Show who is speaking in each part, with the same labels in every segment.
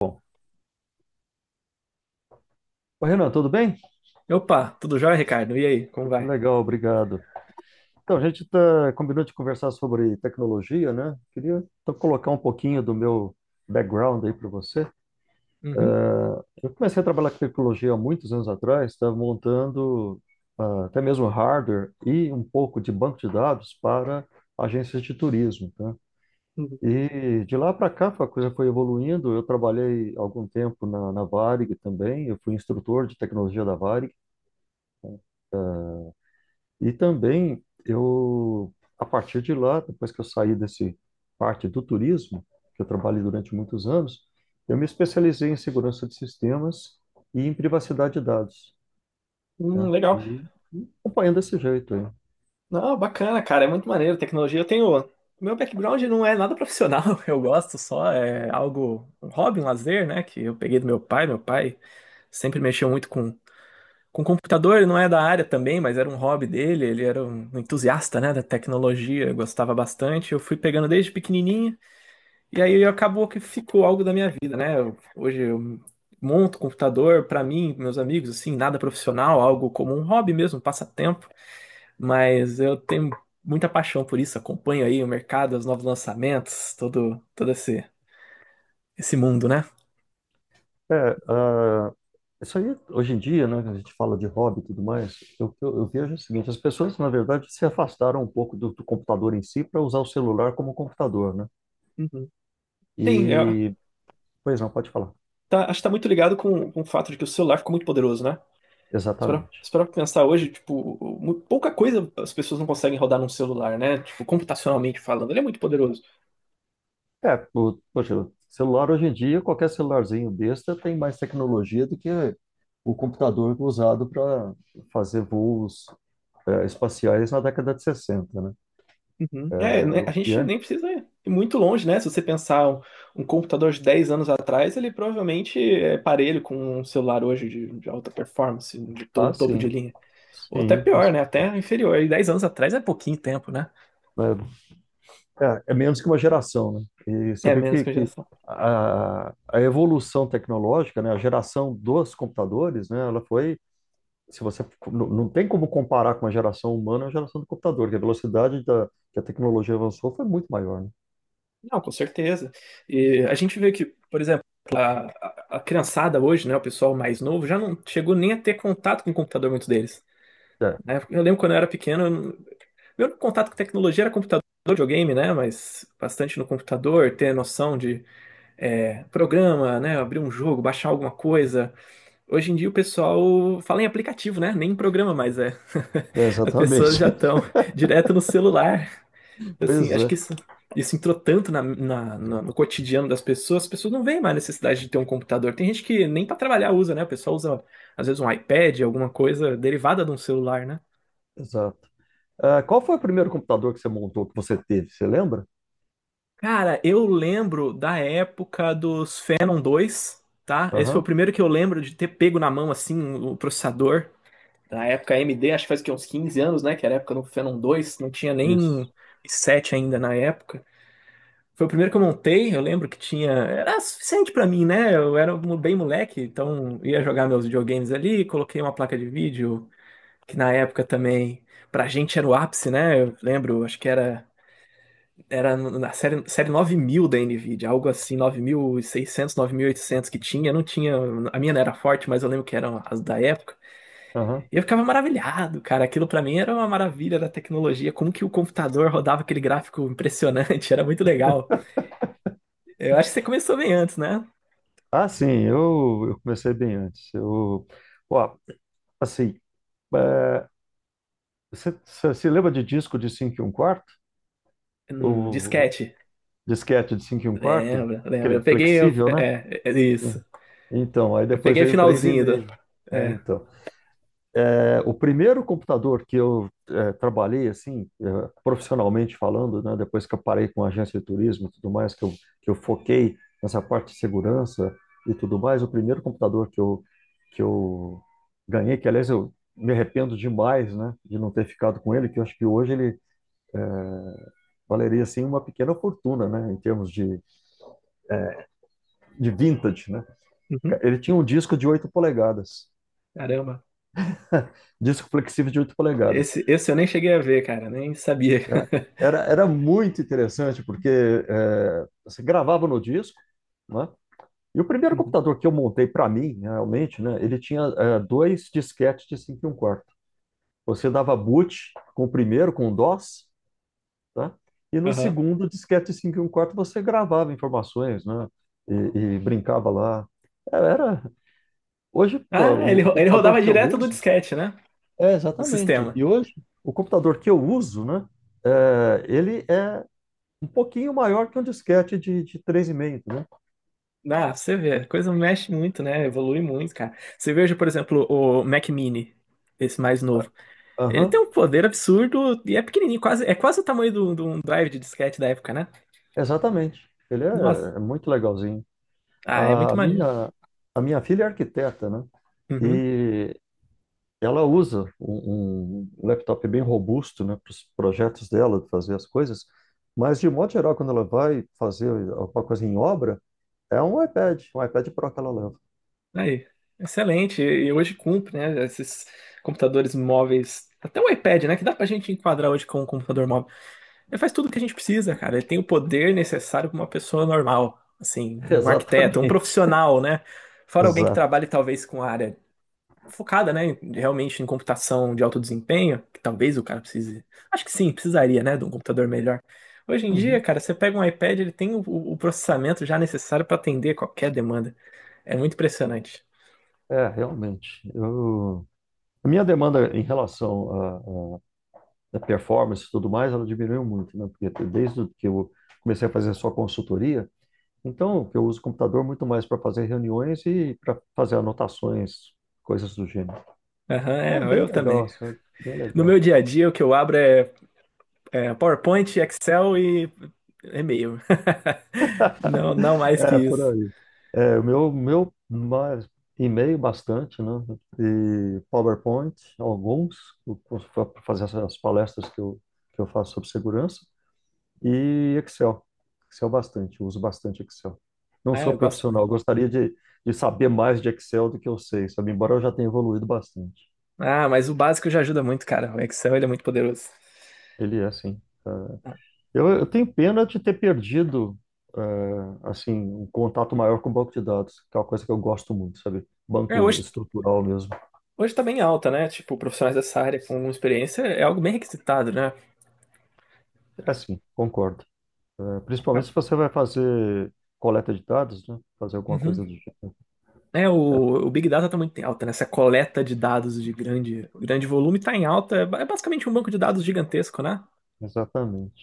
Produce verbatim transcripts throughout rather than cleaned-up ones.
Speaker 1: Bom, ô, Renan, tudo bem?
Speaker 2: Opa, tudo jóia, Ricardo? E aí, como vai?
Speaker 1: Legal, obrigado. Então, a gente tá, combinou de conversar sobre tecnologia, né? Queria então colocar um pouquinho do meu background aí para você.
Speaker 2: Uhum.
Speaker 1: Eh, eu comecei a trabalhar com tecnologia há muitos anos atrás, estava montando ah, até mesmo hardware e um pouco de banco de dados para agências de turismo, tá?
Speaker 2: Uhum.
Speaker 1: E de lá para cá a coisa foi evoluindo. Eu trabalhei algum tempo na, na Varig também, eu fui instrutor de tecnologia da Varig. E também eu, a partir de lá, depois que eu saí desse parte do turismo, que eu trabalhei durante muitos anos, eu me especializei em segurança de sistemas e em privacidade de dados, né?
Speaker 2: Hum, legal.
Speaker 1: E e acompanhando desse jeito aí.
Speaker 2: Não, bacana, cara. É muito maneiro. Tecnologia. Eu tenho. Meu background não é nada profissional. Eu gosto só. É algo. Um hobby, um lazer, né? Que eu peguei do meu pai. Meu pai sempre mexeu muito com, com computador. Ele não é da área também, mas era um hobby dele. Ele era um entusiasta, né? Da tecnologia. Eu gostava bastante. Eu fui pegando desde pequenininho. E aí acabou que ficou algo da minha vida, né? Eu- hoje eu monto computador pra mim, pros meus amigos, assim, nada profissional, algo como um hobby mesmo, um passatempo, mas eu tenho muita paixão por isso, acompanho aí o mercado, os novos lançamentos, todo todo esse esse mundo, né?
Speaker 1: É, ah, isso aí, hoje em dia, né, que a gente fala de hobby e tudo mais, eu, eu, eu vejo o seguinte, as pessoas, na verdade, se afastaram um pouco do, do computador em si para usar o celular como computador, né?
Speaker 2: Uhum. Sim, eu.
Speaker 1: E, pois não, pode falar.
Speaker 2: Tá, acho que tá muito ligado com, com o fato de que o celular ficou muito poderoso, né? Se parar
Speaker 1: Exatamente.
Speaker 2: se parar pra pensar hoje, tipo, mu- pouca coisa as pessoas não conseguem rodar num celular, né? Tipo, computacionalmente falando, ele é muito poderoso.
Speaker 1: É, o, poxa, o celular hoje em dia, qualquer celularzinho besta tem mais tecnologia do que o computador usado para fazer voos é, espaciais na década de sessenta, né?
Speaker 2: Uhum. É,
Speaker 1: É,
Speaker 2: né, a
Speaker 1: o que
Speaker 2: gente
Speaker 1: é?
Speaker 2: nem precisa ir muito longe, né? Se você pensar um, um computador de dez anos atrás, ele provavelmente é parelho com um celular hoje de, de alta performance, de to- um
Speaker 1: Ah,
Speaker 2: topo de
Speaker 1: sim,
Speaker 2: linha. Ou até
Speaker 1: sim, com
Speaker 2: pior, né?
Speaker 1: certeza.
Speaker 2: Até inferior. E dez anos atrás é pouquinho tempo, né?
Speaker 1: É, é- é menos que uma geração, né? E você
Speaker 2: É
Speaker 1: vê
Speaker 2: menos
Speaker 1: que,
Speaker 2: que a
Speaker 1: que
Speaker 2: geração.
Speaker 1: a, a evolução tecnológica, né, a geração dos computadores, né, ela foi, se você não, não tem como comparar com a geração humana, a geração do computador, que a velocidade da, que a tecnologia avançou foi muito maior, né?
Speaker 2: Não, com certeza. E a gente vê que, por exemplo, a, a- a criançada hoje, né, o pessoal mais novo, já não chegou nem a ter contato com o computador, muitos deles.
Speaker 1: É,
Speaker 2: Né? Eu lembro quando eu era pequeno, eu não- meu contato com tecnologia era computador, videogame, né, mas bastante no computador, ter noção de é, programa, né, abrir um jogo, baixar alguma coisa. Hoje em dia o pessoal fala em aplicativo, né, nem em programa mais é.
Speaker 1: é,
Speaker 2: As pessoas
Speaker 1: exatamente.
Speaker 2: já estão direto no celular. Assim,
Speaker 1: Pois
Speaker 2: acho que
Speaker 1: é,
Speaker 2: isso, isso entrou tanto na, na- na- no cotidiano das pessoas, as pessoas não veem mais necessidade de ter um computador. Tem gente que nem para trabalhar usa, né? O pessoal usa, às vezes, um iPad, alguma coisa derivada de um celular, né?
Speaker 1: exato. Ah, qual foi o primeiro computador que você montou, que você teve? Você lembra?
Speaker 2: Cara, eu lembro da época dos Phenom dois, tá? Esse foi o
Speaker 1: Aham,
Speaker 2: primeiro que eu lembro de ter pego na mão, assim, o processador. Na época A M D, acho que faz o quê, uns 15 anos, né? Que era a época do Phenom dois, não tinha nem
Speaker 1: isso.
Speaker 2: i sete ainda na época. Foi o primeiro que eu montei, eu lembro que tinha. Era suficiente pra mim, né? Eu era mo- bem moleque, então ia jogar meus videogames ali, coloquei uma placa de vídeo, que na época também, pra gente era o ápice, né? Eu lembro, acho que era, era na série, série nove mil da Nvidia, algo assim, nove mil e seiscentos, nove mil e oitocentos que tinha, não tinha. A minha não era forte, mas eu lembro que eram as da época.
Speaker 1: Aham.
Speaker 2: E eu ficava maravilhado, cara. Aquilo pra mim era uma maravilha da tecnologia, como que o computador rodava aquele gráfico impressionante, era muito legal. Eu acho que você começou bem antes, né?
Speaker 1: Ah, sim, eu, eu comecei bem antes. Eu, ó, assim, é, você, você se lembra de disco de cinco e um quarto?
Speaker 2: Hum,
Speaker 1: O
Speaker 2: disquete.
Speaker 1: disquete de cinco e um quarto?
Speaker 2: Lembra, lembra.
Speaker 1: Aquele
Speaker 2: Eu peguei. Eu-
Speaker 1: flexível, né?
Speaker 2: é, é isso.
Speaker 1: Sim. Então, aí
Speaker 2: Eu
Speaker 1: depois
Speaker 2: peguei o
Speaker 1: veio o
Speaker 2: finalzinho do.
Speaker 1: três vírgula cinco. É,
Speaker 2: É.
Speaker 1: então. O primeiro computador que eu eh, trabalhei, assim, eh, profissionalmente falando, né, depois que eu parei com a agência de turismo e tudo mais, que eu, que eu foquei nessa parte de segurança e tudo mais, o primeiro computador que eu, que eu ganhei, que aliás eu me arrependo demais, né, de não ter ficado com ele, que eu acho que hoje ele valeria, assim, uma pequena fortuna, né, em termos de, de vintage, né.
Speaker 2: Uhum.
Speaker 1: Ele tinha um disco de oito polegadas,
Speaker 2: Caramba.
Speaker 1: disco flexível de oito polegadas.
Speaker 2: Esse, esse eu nem cheguei a ver, cara. Nem sabia.
Speaker 1: É, era, era muito interessante, porque é, você gravava no disco, né? E o primeiro
Speaker 2: Uhum.
Speaker 1: computador que eu montei para mim, realmente, né? Ele tinha é, dois disquetes de cinco e um quarto. Você dava boot com o primeiro, com o DOS, tá? E no
Speaker 2: Aham.
Speaker 1: segundo disquete de cinco e um quarto você gravava informações, né? E, e brincava lá. É, era... Hoje, pô,
Speaker 2: Ah,
Speaker 1: o
Speaker 2: ele,
Speaker 1: o
Speaker 2: ro- ele
Speaker 1: computador
Speaker 2: rodava
Speaker 1: que eu
Speaker 2: direto do
Speaker 1: uso...
Speaker 2: disquete, né?
Speaker 1: É,
Speaker 2: O
Speaker 1: exatamente.
Speaker 2: sistema.
Speaker 1: E hoje, o computador que eu uso, né? É, ele é um pouquinho maior que um disquete de, de três e meio, né?
Speaker 2: Ah, pra você vê. A coisa mexe muito, né? Evolui muito, cara. Você veja, por exemplo, o Mac Mini, esse mais novo. Ele tem
Speaker 1: Aham,
Speaker 2: um poder absurdo e é pequenininho, quase, é quase o tamanho do- de um drive de disquete da época, né?
Speaker 1: exatamente. Ele
Speaker 2: Nossa.
Speaker 1: é, é muito legalzinho.
Speaker 2: Ah, é
Speaker 1: A
Speaker 2: muito maneiro.
Speaker 1: minha, a minha filha é arquiteta, né?
Speaker 2: Uhum.
Speaker 1: E ela usa um, um laptop bem robusto, né, para os projetos dela, de fazer as coisas. Mas, de modo geral, quando ela vai fazer alguma coisa em obra, é um iPad, um iPad Pro que ela leva.
Speaker 2: Aí, excelente. E hoje cumpre, né? Esses computadores móveis, até o iPad, né? Que dá pra gente enquadrar hoje com um computador móvel. Ele faz tudo o que a gente precisa, cara. Ele tem o poder necessário para uma pessoa normal, assim, um arquiteto, um
Speaker 1: Exatamente.
Speaker 2: profissional, né? Fora alguém que
Speaker 1: Exato.
Speaker 2: trabalhe talvez com a área focada, né? Realmente em computação de alto desempenho, que talvez o cara precise. Acho que sim, precisaria, né? De um computador melhor. Hoje em dia,
Speaker 1: Uhum.
Speaker 2: cara, você pega um iPad, ele tem o, o processamento já necessário para atender qualquer demanda. É muito impressionante.
Speaker 1: É, realmente. Eu... A minha demanda em relação a da performance e tudo mais, ela diminuiu muito, né? Porque desde que eu comecei a fazer só consultoria, então eu uso o computador muito mais para fazer reuniões e para fazer anotações, coisas do gênero.
Speaker 2: Aham,
Speaker 1: Então,
Speaker 2: é,
Speaker 1: bem
Speaker 2: eu também.
Speaker 1: legal, sabe? Bem
Speaker 2: No meu
Speaker 1: legal.
Speaker 2: dia a dia, o que eu abro é, é PowerPoint, Excel e e-mail. Não, não mais que
Speaker 1: É, por
Speaker 2: isso.
Speaker 1: aí. É, o meu, meu mais- e-mail bastante, né? E PowerPoint, alguns, para fazer as palestras que eu, que eu faço sobre segurança. E Excel. Excel bastante, uso bastante Excel. Não
Speaker 2: Ah,
Speaker 1: sou
Speaker 2: eu gosto. Né?
Speaker 1: profissional, gostaria de, de saber mais de Excel do que eu sei, sabe? Embora eu já tenha evoluído bastante.
Speaker 2: Ah, mas o básico já ajuda muito, cara. O Excel, ele é muito poderoso.
Speaker 1: Ele é assim. Eu, eu tenho pena de ter perdido, eh, assim, um contato maior com o banco de dados, que é uma coisa que eu gosto muito, sabe?
Speaker 2: É,
Speaker 1: Banco
Speaker 2: hoje,
Speaker 1: estrutural mesmo.
Speaker 2: hoje tá bem alta, né? Tipo, profissionais dessa área com experiência é algo bem requisitado, né?
Speaker 1: É assim, concordo. Eh, principalmente se você vai fazer coleta de dados, né? Fazer alguma
Speaker 2: Uhum.
Speaker 1: coisa do gênero.
Speaker 2: É, o,
Speaker 1: É,
Speaker 2: o Big Data tá muito em alta, né? Essa coleta de dados de grande, grande volume tá em alta. É ba- é basicamente um banco de dados gigantesco, né?
Speaker 1: exatamente.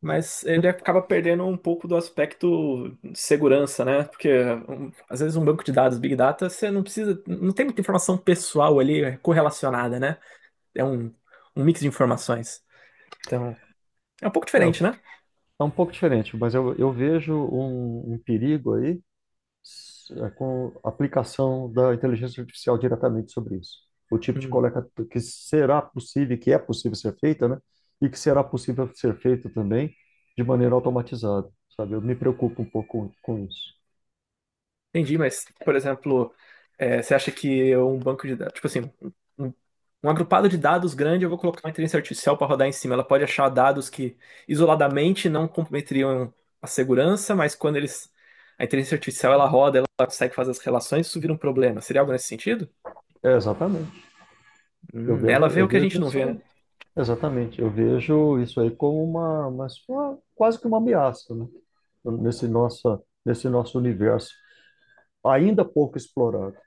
Speaker 2: Mas ele
Speaker 1: Eu-
Speaker 2: acaba perdendo um pouco do aspecto de segurança, né? Porque um, às vezes um banco de dados Big Data, você não precisa, não tem muita informação pessoal ali é, correlacionada, né? É um, um mix de informações. Então, é um pouco
Speaker 1: É, eu
Speaker 2: diferente, né?
Speaker 1: tá um pouco diferente, mas eu, eu vejo um, um perigo aí s- é, com a aplicação da inteligência artificial diretamente sobre isso. O tipo de coleta que será possível, que é possível ser feita, né? E que será possível ser feita também de maneira automatizada, sabe? Eu me preocupo um pouco com, com isso.
Speaker 2: Entendi, mas, por exemplo, é, você acha que um banco de dados, tipo assim, um, um, agrupado de dados grande, eu vou colocar uma inteligência artificial para rodar em cima. Ela pode achar dados que isoladamente não comprometeriam a segurança, mas quando eles, a inteligência artificial ela roda, ela consegue fazer as relações, isso vira um problema. Seria algo nesse sentido?
Speaker 1: É, exatamente. Eu
Speaker 2: Hum,
Speaker 1: vejo,
Speaker 2: ela vê
Speaker 1: eu
Speaker 2: o que a
Speaker 1: vejo
Speaker 2: gente não vê, né?
Speaker 1: isso, exatamente. Eu vejo isso aí como uma, uma, uma- quase que uma ameaça, né? Nesse nossa, nesse nosso universo ainda pouco explorado.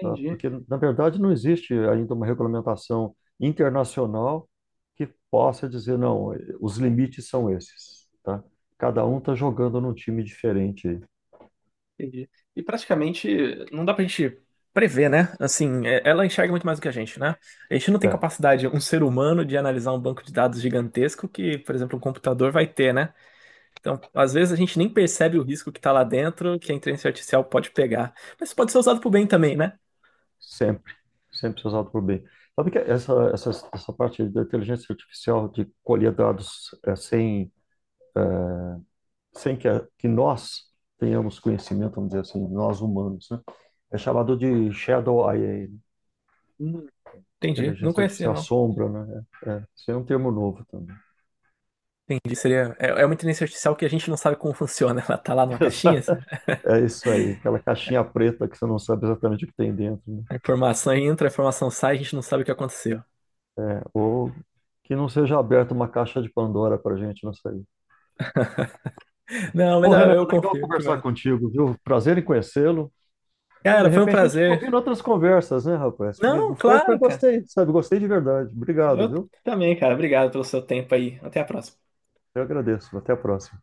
Speaker 1: Tá? Porque, na verdade, não existe ainda uma regulamentação internacional que possa dizer, não, os limites são esses, tá? Cada um está jogando num time diferente aí.
Speaker 2: Entendi. E praticamente não dá pra gente prever, né? Assim, é- ela enxerga muito mais do que a gente, né? A gente não tem
Speaker 1: É,
Speaker 2: capacidade, um ser humano, de analisar um banco de dados gigantesco que, por exemplo, um computador vai ter, né? Então, às vezes a gente nem percebe o risco que tá lá dentro, que a inteligência artificial pode pegar. Mas pode ser usado pro bem também, né?
Speaker 1: sempre, sempre se usado por bem. Sabe que essa, essa, essa parte da inteligência artificial de colher dados é, sem, sem que, a- que nós tenhamos conhecimento, vamos dizer assim, nós humanos, né? É chamado de Shadow A I, né?
Speaker 2: Hum, entendi. Não
Speaker 1: Inteligência
Speaker 2: conhecia,
Speaker 1: artificial
Speaker 2: não.
Speaker 1: sombra, né? É, é, isso é um termo novo também.
Speaker 2: Entendi. Seria, é, é uma inteligência artificial que a gente não sabe como funciona. Ela tá lá numa caixinha, assim,
Speaker 1: É isso aí, aquela caixinha preta que você não sabe exatamente o que tem dentro, né?
Speaker 2: a informação entra, a informação sai, a gente não sabe o que aconteceu.
Speaker 1: Ou que não seja aberta uma caixa de Pandora para gente, não sei.
Speaker 2: Não, mas
Speaker 1: Ô,
Speaker 2: eu
Speaker 1: Renan,
Speaker 2: eu
Speaker 1: legal
Speaker 2: confio que
Speaker 1: conversar
Speaker 2: vai.
Speaker 1: contigo, viu? Prazer em conhecê-lo. E, de
Speaker 2: Cara, foi um
Speaker 1: repente a gente combina
Speaker 2: prazer.
Speaker 1: outras conversas, né, rapaz? Porque
Speaker 2: Não,
Speaker 1: foi, foi,
Speaker 2: claro, cara.
Speaker 1: gostei, sabe? Gostei de verdade. Obrigado,
Speaker 2: Eu
Speaker 1: viu?
Speaker 2: também, cara. Obrigado pelo seu tempo aí. Até a próxima.
Speaker 1: Eu agradeço. Até a próxima.